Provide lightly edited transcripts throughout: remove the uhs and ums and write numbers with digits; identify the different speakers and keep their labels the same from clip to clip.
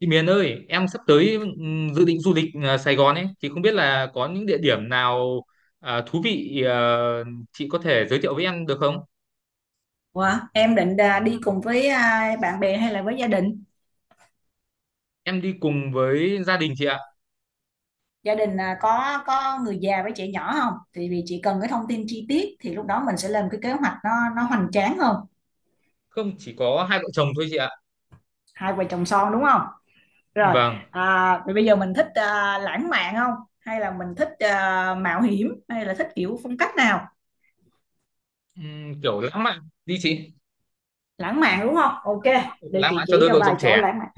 Speaker 1: Chị Miền ơi, em sắp tới dự định du lịch Sài Gòn ấy thì không biết là có những địa điểm nào thú vị chị có thể giới thiệu với em được không?
Speaker 2: Ủa, em định đi cùng với bạn bè hay là với gia đình?
Speaker 1: Em đi cùng với gia đình chị ạ.
Speaker 2: Gia đình à, có người già với trẻ nhỏ không? Thì vì chị cần cái thông tin chi tiết thì lúc đó mình sẽ lên cái kế hoạch nó hoành tráng hơn.
Speaker 1: Không chỉ có hai vợ chồng thôi chị ạ.
Speaker 2: Hai vợ chồng son đúng không? Rồi,
Speaker 1: Vâng.
Speaker 2: vậy bây giờ mình thích lãng mạn không? Hay là mình thích mạo hiểm hay là thích kiểu phong cách nào?
Speaker 1: Kiểu lãng mạn đi chị.
Speaker 2: Lãng mạn đúng không? Ok, để
Speaker 1: Lãng
Speaker 2: chị
Speaker 1: mạn cho
Speaker 2: chỉ
Speaker 1: đôi
Speaker 2: cho
Speaker 1: vợ
Speaker 2: vài
Speaker 1: chồng
Speaker 2: chỗ
Speaker 1: trẻ.
Speaker 2: lãng mạn.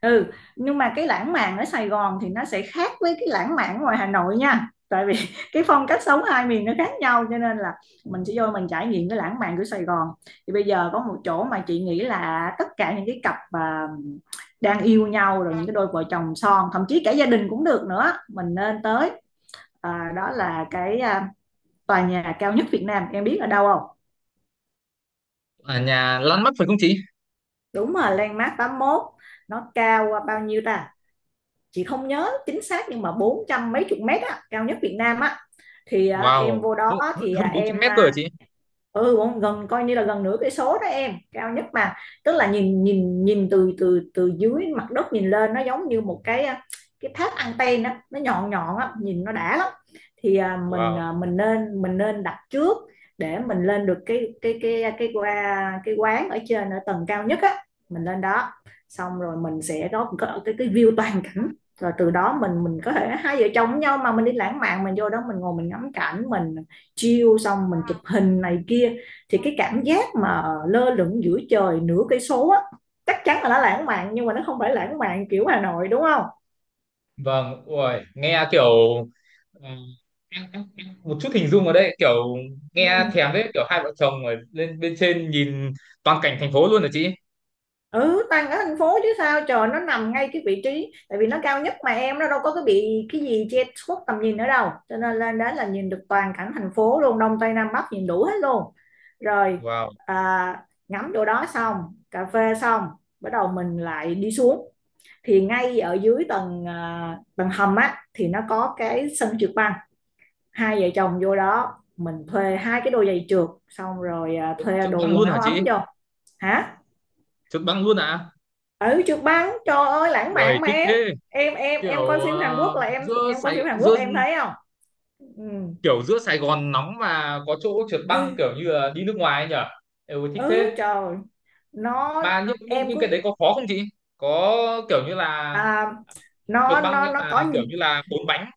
Speaker 2: Ừ, nhưng mà cái lãng mạn ở Sài Gòn thì nó sẽ khác với cái lãng mạn ngoài Hà Nội nha, tại vì cái phong cách sống hai miền nó khác nhau, cho nên là mình sẽ vô mình trải nghiệm cái lãng mạn của Sài Gòn. Thì bây giờ có một chỗ mà chị nghĩ là tất cả những cái cặp mà đang yêu nhau, rồi những cái đôi vợ chồng son, thậm chí cả gia đình cũng được nữa, mình nên tới. Đó là cái tòa nhà cao nhất Việt Nam, em biết ở đâu không?
Speaker 1: Ở nhà lăn mắt phải không chị?
Speaker 2: Đúng rồi, Landmark 81. Nó cao bao nhiêu ta? Chị không nhớ chính xác, nhưng mà bốn trăm mấy chục mét á, cao nhất Việt Nam á. Thì em
Speaker 1: Wow,
Speaker 2: vô đó.
Speaker 1: hơn
Speaker 2: Thì
Speaker 1: hơn bốn trăm mét cơ hả chị?
Speaker 2: ừ, gần, coi như là gần nửa cái số đó, em, cao nhất mà. Tức là nhìn nhìn nhìn từ từ từ dưới mặt đất nhìn lên, nó giống như một cái cái tháp anten á, nó nhọn nhọn á, nhìn nó đã lắm. Thì
Speaker 1: Wow.
Speaker 2: mình nên đặt trước để mình lên được cái cái quán ở trên, ở tầng cao nhất á. Mình lên đó, xong rồi mình sẽ có cái view toàn cảnh. Rồi từ đó mình có thể hai vợ chồng với nhau mà mình đi lãng mạn, mình vô đó mình ngồi mình ngắm cảnh mình chiêu, xong mình chụp hình này kia. Thì cái cảm giác mà lơ lửng giữa trời nửa cây số á, chắc chắn là nó lãng mạn, nhưng mà nó không phải lãng mạn kiểu Hà Nội đúng không?
Speaker 1: Vâng, ui, nghe kiểu ừ, em một chút hình dung ở đây, kiểu
Speaker 2: Ừ,
Speaker 1: nghe thèm đấy, kiểu hai vợ chồng ở lên bên trên nhìn toàn cảnh thành phố luôn hả chị?
Speaker 2: ừ, tăng ở thành phố chứ sao trời, nó nằm ngay cái vị trí, tại vì nó cao nhất mà em, nó đâu có cái bị cái gì che khuất tầm nhìn ở đâu, cho nên lên đó là nhìn được toàn cảnh thành phố luôn, đông tây nam bắc nhìn đủ hết luôn. Rồi,
Speaker 1: Wow,
Speaker 2: ngắm chỗ đó xong, cà phê xong, bắt đầu mình lại đi xuống. Thì ngay ở dưới tầng tầng hầm á, thì nó có cái sân trượt băng. Hai vợ chồng vô đó mình thuê hai cái đôi giày trượt, xong rồi thuê
Speaker 1: chụp
Speaker 2: đồ
Speaker 1: băng
Speaker 2: quần
Speaker 1: luôn hả
Speaker 2: áo ấm
Speaker 1: chị?
Speaker 2: vô. Hả?
Speaker 1: Chụp băng luôn à?
Speaker 2: Ở trượt băng trời ơi, lãng
Speaker 1: Ui,
Speaker 2: mạn mà
Speaker 1: thích
Speaker 2: em.
Speaker 1: thế.
Speaker 2: Em
Speaker 1: Kiểu
Speaker 2: coi phim Hàn Quốc, là em
Speaker 1: giữa
Speaker 2: em coi phim
Speaker 1: Sài
Speaker 2: Hàn Quốc
Speaker 1: giữa
Speaker 2: em thấy không? Ừ,
Speaker 1: kiểu giữa Sài Gòn nóng mà có chỗ trượt băng, kiểu
Speaker 2: ừ,
Speaker 1: như là đi nước ngoài ấy nhở? Ừ, thích
Speaker 2: ừ,
Speaker 1: thế.
Speaker 2: trời nó…
Speaker 1: Mà những những
Speaker 2: Em
Speaker 1: những cái
Speaker 2: cứ
Speaker 1: đấy có khó không chị? Có, kiểu như là
Speaker 2: à,
Speaker 1: trượt
Speaker 2: nó
Speaker 1: băng
Speaker 2: nó
Speaker 1: nhưng
Speaker 2: nó có
Speaker 1: mà kiểu như là bốn bánh,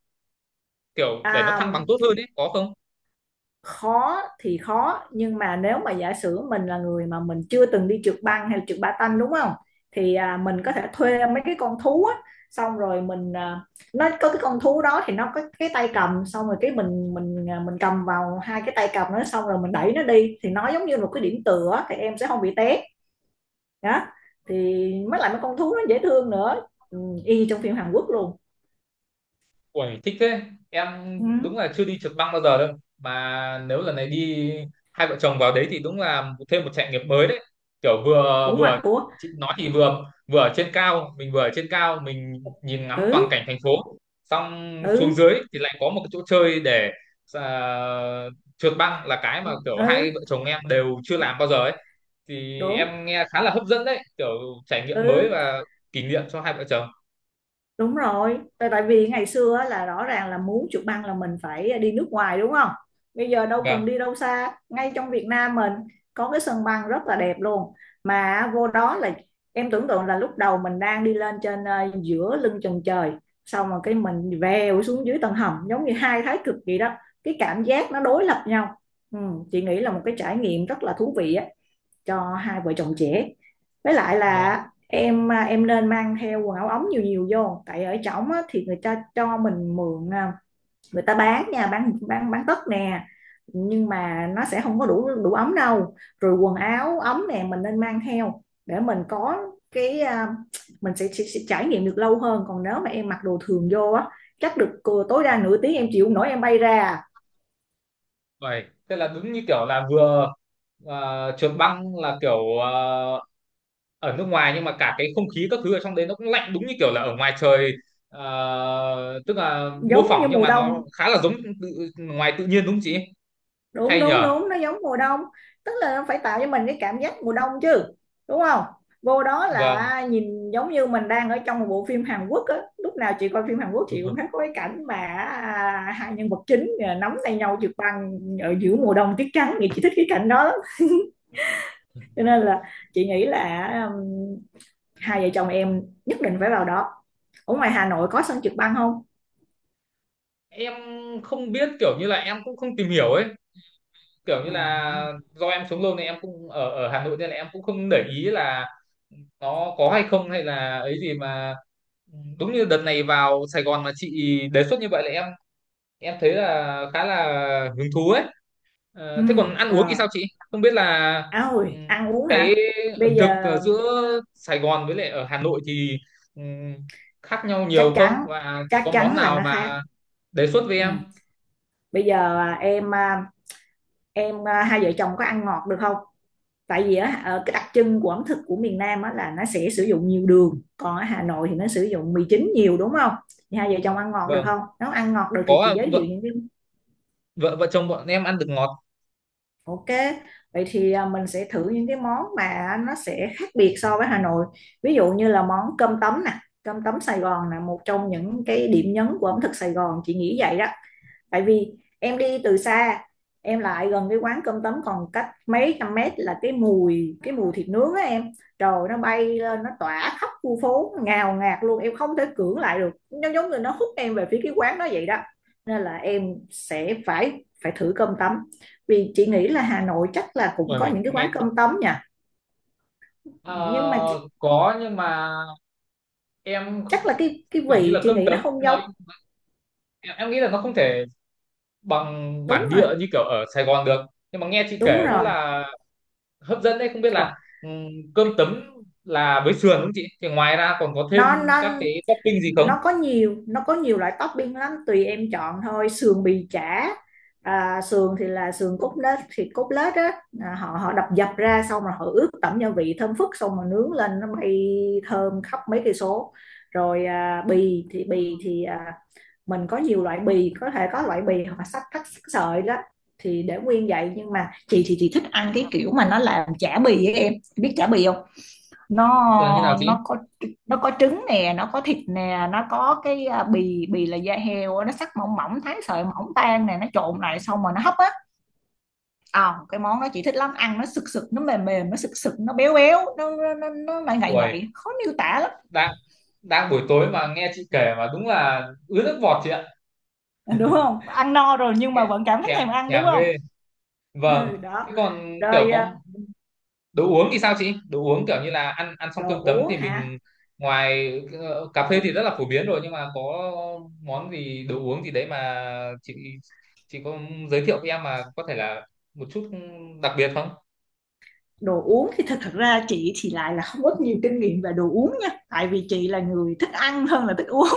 Speaker 1: kiểu để nó thăng
Speaker 2: à,
Speaker 1: bằng tốt hơn ấy, có không?
Speaker 2: khó thì khó, nhưng mà nếu mà giả sử mình là người mà mình chưa từng đi trượt băng hay là trượt patin đúng không, thì mình có thể thuê mấy cái con thú á, xong rồi nó có cái con thú đó thì nó có cái tay cầm, xong rồi cái mình cầm vào hai cái tay cầm nó, xong rồi mình đẩy nó đi, thì nó giống như một cái điểm tựa á, thì em sẽ không bị té. Đó, thì mới lại mấy con thú nó dễ thương nữa. Ừ, y như trong phim Hàn Quốc luôn.
Speaker 1: Uầy, thích thế. Em
Speaker 2: Ừ,
Speaker 1: đúng là chưa đi trượt băng bao giờ đâu. Mà nếu lần này đi hai vợ chồng vào đấy thì đúng là thêm một trải nghiệm mới đấy. Kiểu vừa
Speaker 2: cũng mặc
Speaker 1: vừa
Speaker 2: của…
Speaker 1: chị nói thì vừa vừa ở trên cao, mình vừa ở trên cao mình nhìn ngắm toàn
Speaker 2: ừ,
Speaker 1: cảnh thành phố. Xong xuống
Speaker 2: ừ,
Speaker 1: dưới thì lại có một cái chỗ chơi để à, trượt băng là cái mà kiểu hai
Speaker 2: ừ,
Speaker 1: vợ chồng em đều chưa làm bao giờ ấy. Thì
Speaker 2: đúng,
Speaker 1: em nghe khá là hấp dẫn đấy, kiểu trải nghiệm mới
Speaker 2: ừ.
Speaker 1: và kỷ niệm cho hai vợ chồng.
Speaker 2: Đúng rồi, tại tại vì ngày xưa á, là rõ ràng là muốn chụp băng là mình phải đi nước ngoài đúng không? Bây giờ đâu
Speaker 1: Vâng.
Speaker 2: cần đi đâu xa, ngay trong Việt Nam mình có cái sân băng rất là đẹp luôn. Mà vô đó là em tưởng tượng là lúc đầu mình đang đi lên trên, giữa lưng chừng trời, xong rồi cái mình vèo xuống dưới tầng hầm, giống như hai thái cực vậy đó. Cái cảm giác nó đối lập nhau. Ừ, chị nghĩ là một cái trải nghiệm rất là thú vị á, cho hai vợ chồng trẻ. Với lại
Speaker 1: à,
Speaker 2: là em nên mang theo quần áo ống nhiều nhiều vô, tại ở trỏng á, thì người ta cho mình mượn, người ta bán nha, bán tất nè, nhưng mà nó sẽ không có đủ đủ ấm đâu. Rồi quần áo ấm nè, mình nên mang theo để mình có cái mình sẽ trải nghiệm được lâu hơn. Còn nếu mà em mặc đồ thường vô á, chắc được tối đa nửa tiếng em chịu không nổi em bay ra.
Speaker 1: Vậy, tức là đúng như kiểu là vừa trượt băng là kiểu ở nước ngoài, nhưng mà cả cái không khí các thứ ở trong đấy nó cũng lạnh đúng như kiểu là ở ngoài trời, tức là mô
Speaker 2: Giống
Speaker 1: phỏng
Speaker 2: như
Speaker 1: nhưng
Speaker 2: mùa
Speaker 1: mà nó
Speaker 2: đông.
Speaker 1: khá là giống tự, ngoài tự nhiên đúng không chị?
Speaker 2: Đúng
Speaker 1: Hay
Speaker 2: đúng
Speaker 1: nhờ.
Speaker 2: đúng, nó giống mùa đông. Tức là nó phải tạo cho mình cái cảm giác mùa đông chứ, đúng không? Vô đó
Speaker 1: Vâng.
Speaker 2: là nhìn giống như mình đang ở trong một bộ phim Hàn Quốc á. Lúc nào chị coi phim Hàn Quốc chị cũng thấy có cái cảnh mà hai nhân vật chính nắm tay nhau trượt băng ở giữa mùa đông tuyết trắng, thì chị thích cái cảnh đó lắm. Cho nên là chị nghĩ là hai vợ chồng em nhất định phải vào đó. Ở ngoài Hà Nội có sân trượt băng không?
Speaker 1: Em không biết, kiểu như là em cũng không tìm hiểu ấy, kiểu như
Speaker 2: Ừ.
Speaker 1: là do em sống lâu này em cũng ở ở Hà Nội nên là em cũng không để ý là nó có hay không hay là ấy gì mà. Ừ, đúng như đợt này vào Sài Gòn mà chị đề xuất như vậy là em thấy là khá là hứng thú ấy.
Speaker 2: Ừ,
Speaker 1: Ờ, thế còn ăn uống thì
Speaker 2: rồi.
Speaker 1: sao chị? Không biết là ừ,
Speaker 2: Ôi ăn uống
Speaker 1: cái
Speaker 2: hả? Bây
Speaker 1: ẩm thực
Speaker 2: giờ…
Speaker 1: giữa Sài Gòn với lại ở Hà Nội thì ừ, khác nhau
Speaker 2: chắc
Speaker 1: nhiều không?
Speaker 2: chắn,
Speaker 1: Và chị
Speaker 2: chắc
Speaker 1: có món
Speaker 2: chắn là
Speaker 1: nào
Speaker 2: nó khác.
Speaker 1: mà đề xuất với
Speaker 2: Ừ.
Speaker 1: em?
Speaker 2: Bây giờ hai vợ chồng có ăn ngọt được không? Tại vì á, ờ, cái đặc trưng của ẩm thực của miền Nam á là nó sẽ sử dụng nhiều đường, còn ở Hà Nội thì nó sử dụng mì chính nhiều đúng không? Thì hai vợ chồng ăn ngọt được
Speaker 1: Vâng,
Speaker 2: không? Nếu ăn ngọt được thì
Speaker 1: có
Speaker 2: chị
Speaker 1: ạ.
Speaker 2: giới
Speaker 1: Vợ
Speaker 2: thiệu những cái…
Speaker 1: vợ vợ chồng bọn em ăn được ngọt.
Speaker 2: Ok, vậy thì mình sẽ thử những cái món mà nó sẽ khác biệt so với Hà Nội. Ví dụ như là món cơm tấm nè. Cơm tấm Sài Gòn là một trong những cái điểm nhấn của ẩm thực Sài Gòn, chị nghĩ vậy đó. Tại vì em đi từ xa, em lại gần cái quán cơm tấm còn cách mấy trăm mét là cái mùi, cái mùi thịt nướng á em, trời, nó bay lên, nó tỏa khắp khu phố ngào ngạt luôn, em không thể cưỡng lại được, nó giống như nó hút em về phía cái quán đó vậy đó. Nên là em sẽ phải phải thử cơm tấm. Vì chị nghĩ là Hà Nội chắc là cũng có
Speaker 1: Ôi,
Speaker 2: những cái
Speaker 1: nghe
Speaker 2: quán
Speaker 1: thì-
Speaker 2: cơm tấm nha,
Speaker 1: Ờ,
Speaker 2: nhưng mà chắc,
Speaker 1: có nhưng mà em
Speaker 2: chắc là cái
Speaker 1: tưởng như
Speaker 2: vị
Speaker 1: là
Speaker 2: chị
Speaker 1: cơm
Speaker 2: nghĩ nó
Speaker 1: tấm
Speaker 2: không
Speaker 1: nó
Speaker 2: giống.
Speaker 1: em nghĩ là nó không thể bằng
Speaker 2: Đúng
Speaker 1: bản
Speaker 2: rồi.
Speaker 1: địa như kiểu ở Sài Gòn được, nhưng mà nghe chị
Speaker 2: Đúng
Speaker 1: kể rất
Speaker 2: rồi.
Speaker 1: là hấp dẫn đấy. Không biết
Speaker 2: Trời,
Speaker 1: là ừm, cơm tấm là với sườn không chị, thì ngoài ra còn có
Speaker 2: nó
Speaker 1: thêm
Speaker 2: nó
Speaker 1: các cái topping gì không,
Speaker 2: nó có nhiều, nó có nhiều loại topping lắm, tùy em chọn thôi: sườn, bì, chả. Sườn thì là sườn cốt lết, thịt cốt lết á, à, họ họ đập dập ra, xong rồi họ ướp tẩm gia vị thơm phức, xong rồi nướng lên nó bay thơm khắp mấy cây số. Rồi mình có nhiều loại bì, có thể có loại bì hoặc là sắc thắt sắc sợi đó thì để nguyên vậy. Nhưng mà chị thì chị thích ăn cái kiểu mà nó làm chả bì ấy em, biết chả bì không? nó
Speaker 1: là như nào chị?
Speaker 2: nó có, nó có trứng nè, nó có thịt nè, nó có cái à, bì bì là da heo á, nó sắc mỏng mỏng, thái sợi mỏng tan nè, nó trộn lại xong rồi nó hấp á. Cái món đó chị thích lắm, ăn nó sực sực, nó mềm mềm, nó sực sực, nó béo béo, nó lại ngậy ngậy,
Speaker 1: Ui,
Speaker 2: khó miêu tả lắm.
Speaker 1: đang đang buổi tối mà nghe chị kể mà đúng là ứa nước bọt chị ạ,
Speaker 2: Đúng không, ăn no rồi nhưng
Speaker 1: nghe
Speaker 2: mà vẫn cảm thấy
Speaker 1: thèm
Speaker 2: thèm ăn đúng
Speaker 1: thèm
Speaker 2: không?
Speaker 1: ghê.
Speaker 2: Ừ
Speaker 1: Vâng,
Speaker 2: đó,
Speaker 1: thế còn kiểu
Speaker 2: rồi.
Speaker 1: có đồ uống thì sao chị? Đồ uống kiểu như là ăn ăn xong cơm
Speaker 2: Đồ
Speaker 1: tấm
Speaker 2: uống
Speaker 1: thì
Speaker 2: hả?
Speaker 1: mình ngoài cà
Speaker 2: Ồ,
Speaker 1: phê thì rất là phổ biến rồi, nhưng mà có món gì đồ uống gì đấy mà chị chị có giới thiệu với em mà có thể là một chút đặc biệt không?
Speaker 2: đồ uống thì thật thật ra chị thì lại là không có nhiều kinh nghiệm về đồ uống nha, tại vì chị là người thích ăn hơn là thích uống.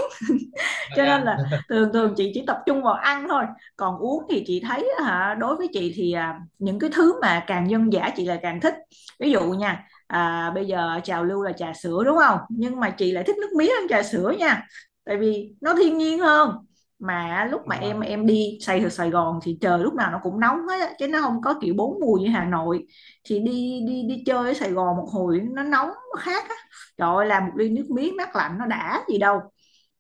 Speaker 1: Vậy
Speaker 2: Cho nên
Speaker 1: ạ.
Speaker 2: là thường thường chị chỉ tập trung vào ăn thôi. Còn uống thì chị thấy hả, đối với chị thì những cái thứ mà càng dân dã chị lại càng thích. Ví dụ nha, bây giờ trào lưu là trà sữa đúng không, nhưng mà chị lại thích nước mía hơn trà sữa nha, tại vì nó thiên nhiên hơn. Mà lúc mà
Speaker 1: Vâng,
Speaker 2: em đi Sài ở Sài Gòn thì trời lúc nào nó cũng nóng hết á, chứ nó không có kiểu bốn mùa như Hà Nội. Thì đi đi đi chơi ở Sài Gòn một hồi nó nóng nó khác á, trời ơi làm một ly nước miếng mát lạnh nó đã gì đâu.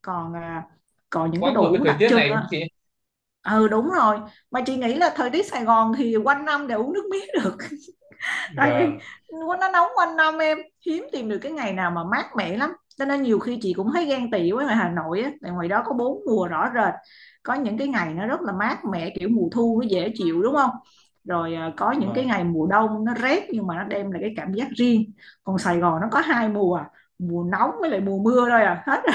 Speaker 2: Còn còn những
Speaker 1: quá
Speaker 2: cái
Speaker 1: hợp
Speaker 2: đồ
Speaker 1: với
Speaker 2: uống
Speaker 1: thời
Speaker 2: đặc
Speaker 1: tiết này
Speaker 2: trưng
Speaker 1: đúng không
Speaker 2: á.
Speaker 1: chị?
Speaker 2: Ừ đúng rồi, mà chị nghĩ là thời tiết Sài Gòn thì quanh năm để uống nước mía được. Tại vì
Speaker 1: Vâng
Speaker 2: nó nóng quanh năm em, hiếm tìm được cái ngày nào mà mát mẻ lắm. Cho nên nhiều khi chị cũng thấy ghen tị với ngoài Hà Nội á, tại ngoài đó có bốn mùa rõ rệt, có những cái ngày nó rất là mát mẻ kiểu mùa thu nó dễ chịu đúng không, rồi có những cái
Speaker 1: vâng,
Speaker 2: ngày mùa đông nó rét, nhưng mà nó đem lại cái cảm giác riêng. Còn Sài Gòn nó có hai mùa, mùa nóng với lại mùa mưa thôi à, hết rồi.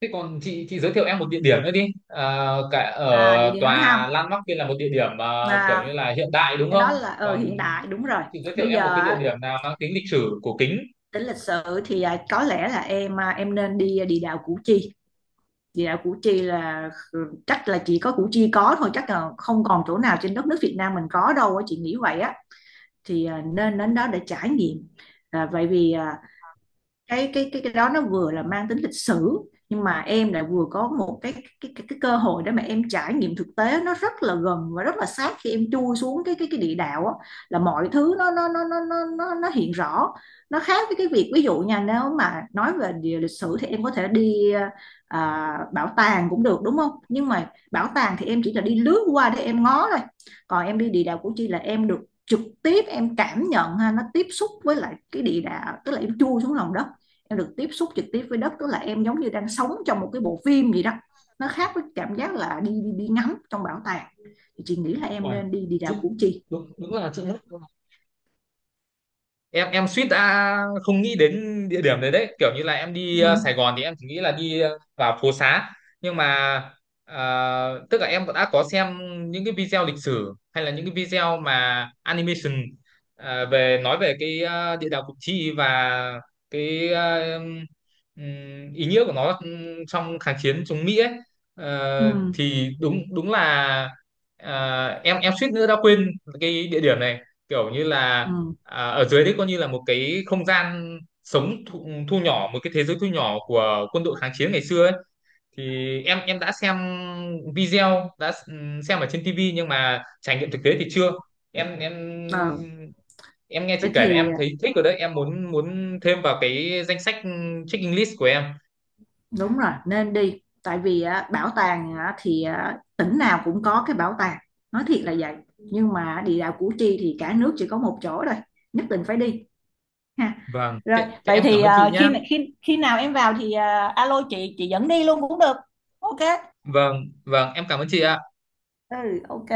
Speaker 1: thế còn chị giới thiệu em một địa điểm nữa đi, cả
Speaker 2: À, địa
Speaker 1: ở
Speaker 2: điểm nữa không?
Speaker 1: tòa Landmark kia là một địa điểm mà kiểu
Speaker 2: À,
Speaker 1: như là hiện đại đúng
Speaker 2: cái
Speaker 1: không,
Speaker 2: đó là ờ,
Speaker 1: còn
Speaker 2: hiện đại đúng rồi.
Speaker 1: chị giới thiệu
Speaker 2: Bây
Speaker 1: em một cái
Speaker 2: giờ
Speaker 1: địa điểm nào mang tính lịch sử cổ kính.
Speaker 2: tính lịch sử thì à, có lẽ là em à, em nên đi địa đạo Củ Chi. Địa đạo Củ Chi là, ừ, chắc là chỉ có Củ Chi có thôi, chắc là không còn chỗ nào trên đất nước Việt Nam mình có đâu á, chị nghĩ vậy á. Thì nên đến đó để trải nghiệm. à, vậy vì à, cái đó nó vừa là mang tính lịch sử, nhưng mà em lại vừa có một cái cơ hội để mà em trải nghiệm thực tế nó rất là gần và rất là sát, khi em chui xuống cái địa đạo á, là mọi thứ nó hiện rõ. Nó khác với cái việc, ví dụ nha, nếu mà nói về địa lịch sử thì em có thể đi bảo tàng cũng được đúng không, nhưng mà bảo tàng thì em chỉ là đi lướt qua để em ngó thôi. Còn em đi địa đạo Củ Chi là em được trực tiếp em cảm nhận ha, nó tiếp xúc với lại cái địa đạo, tức là em chui xuống lòng đất, em được tiếp xúc trực tiếp với đất, tức là em giống như đang sống trong một cái bộ phim gì đó. Nó khác với cảm giác là đi đi đi ngắm trong bảo tàng. Thì chị nghĩ là em
Speaker 1: Uầy,
Speaker 2: nên đi đi đảo
Speaker 1: chị
Speaker 2: Củ Chi.
Speaker 1: đúng, đúng là chị hết em suýt đã không nghĩ đến địa điểm đấy đấy, kiểu như là em đi Sài
Speaker 2: Ừ.
Speaker 1: Gòn thì em chỉ nghĩ là đi vào phố xá, nhưng mà tức là em đã có xem những cái video lịch sử hay là những cái video mà animation về nói về cái địa đạo Củ Chi và cái ý nghĩa của nó, trong kháng chiến chống Mỹ ấy.
Speaker 2: Ừ.
Speaker 1: Ờ, thì đúng đúng là ờ, em suýt nữa đã quên cái địa điểm này, kiểu như là
Speaker 2: Ừ.
Speaker 1: à, ở dưới đấy coi như là một cái không gian sống thu nhỏ, một cái thế giới thu nhỏ của quân đội kháng chiến ngày xưa ấy. Thì em đã xem video, đã xem ở trên TV nhưng mà trải nghiệm thực tế thì chưa. em em
Speaker 2: Ờ,
Speaker 1: em nghe chị
Speaker 2: vậy
Speaker 1: kể là
Speaker 2: thì
Speaker 1: em thấy thích rồi đấy, em muốn muốn thêm vào cái danh sách checking list của em.
Speaker 2: đúng rồi nên đi, tại vì á, bảo tàng á, thì á, tỉnh nào cũng có cái bảo tàng, nói thiệt là vậy. Nhưng mà địa đạo Củ Chi thì cả nước chỉ có một chỗ thôi, nhất định phải đi ha.
Speaker 1: Vâng
Speaker 2: Rồi,
Speaker 1: thế, thế
Speaker 2: vậy
Speaker 1: em cảm
Speaker 2: thì
Speaker 1: ơn chị
Speaker 2: ờ,
Speaker 1: nhá.
Speaker 2: khi khi khi nào em vào thì ờ, alo chị dẫn đi luôn cũng được. Ok.
Speaker 1: Vâng vâng, em cảm ơn chị ạ.
Speaker 2: Ừ, ok.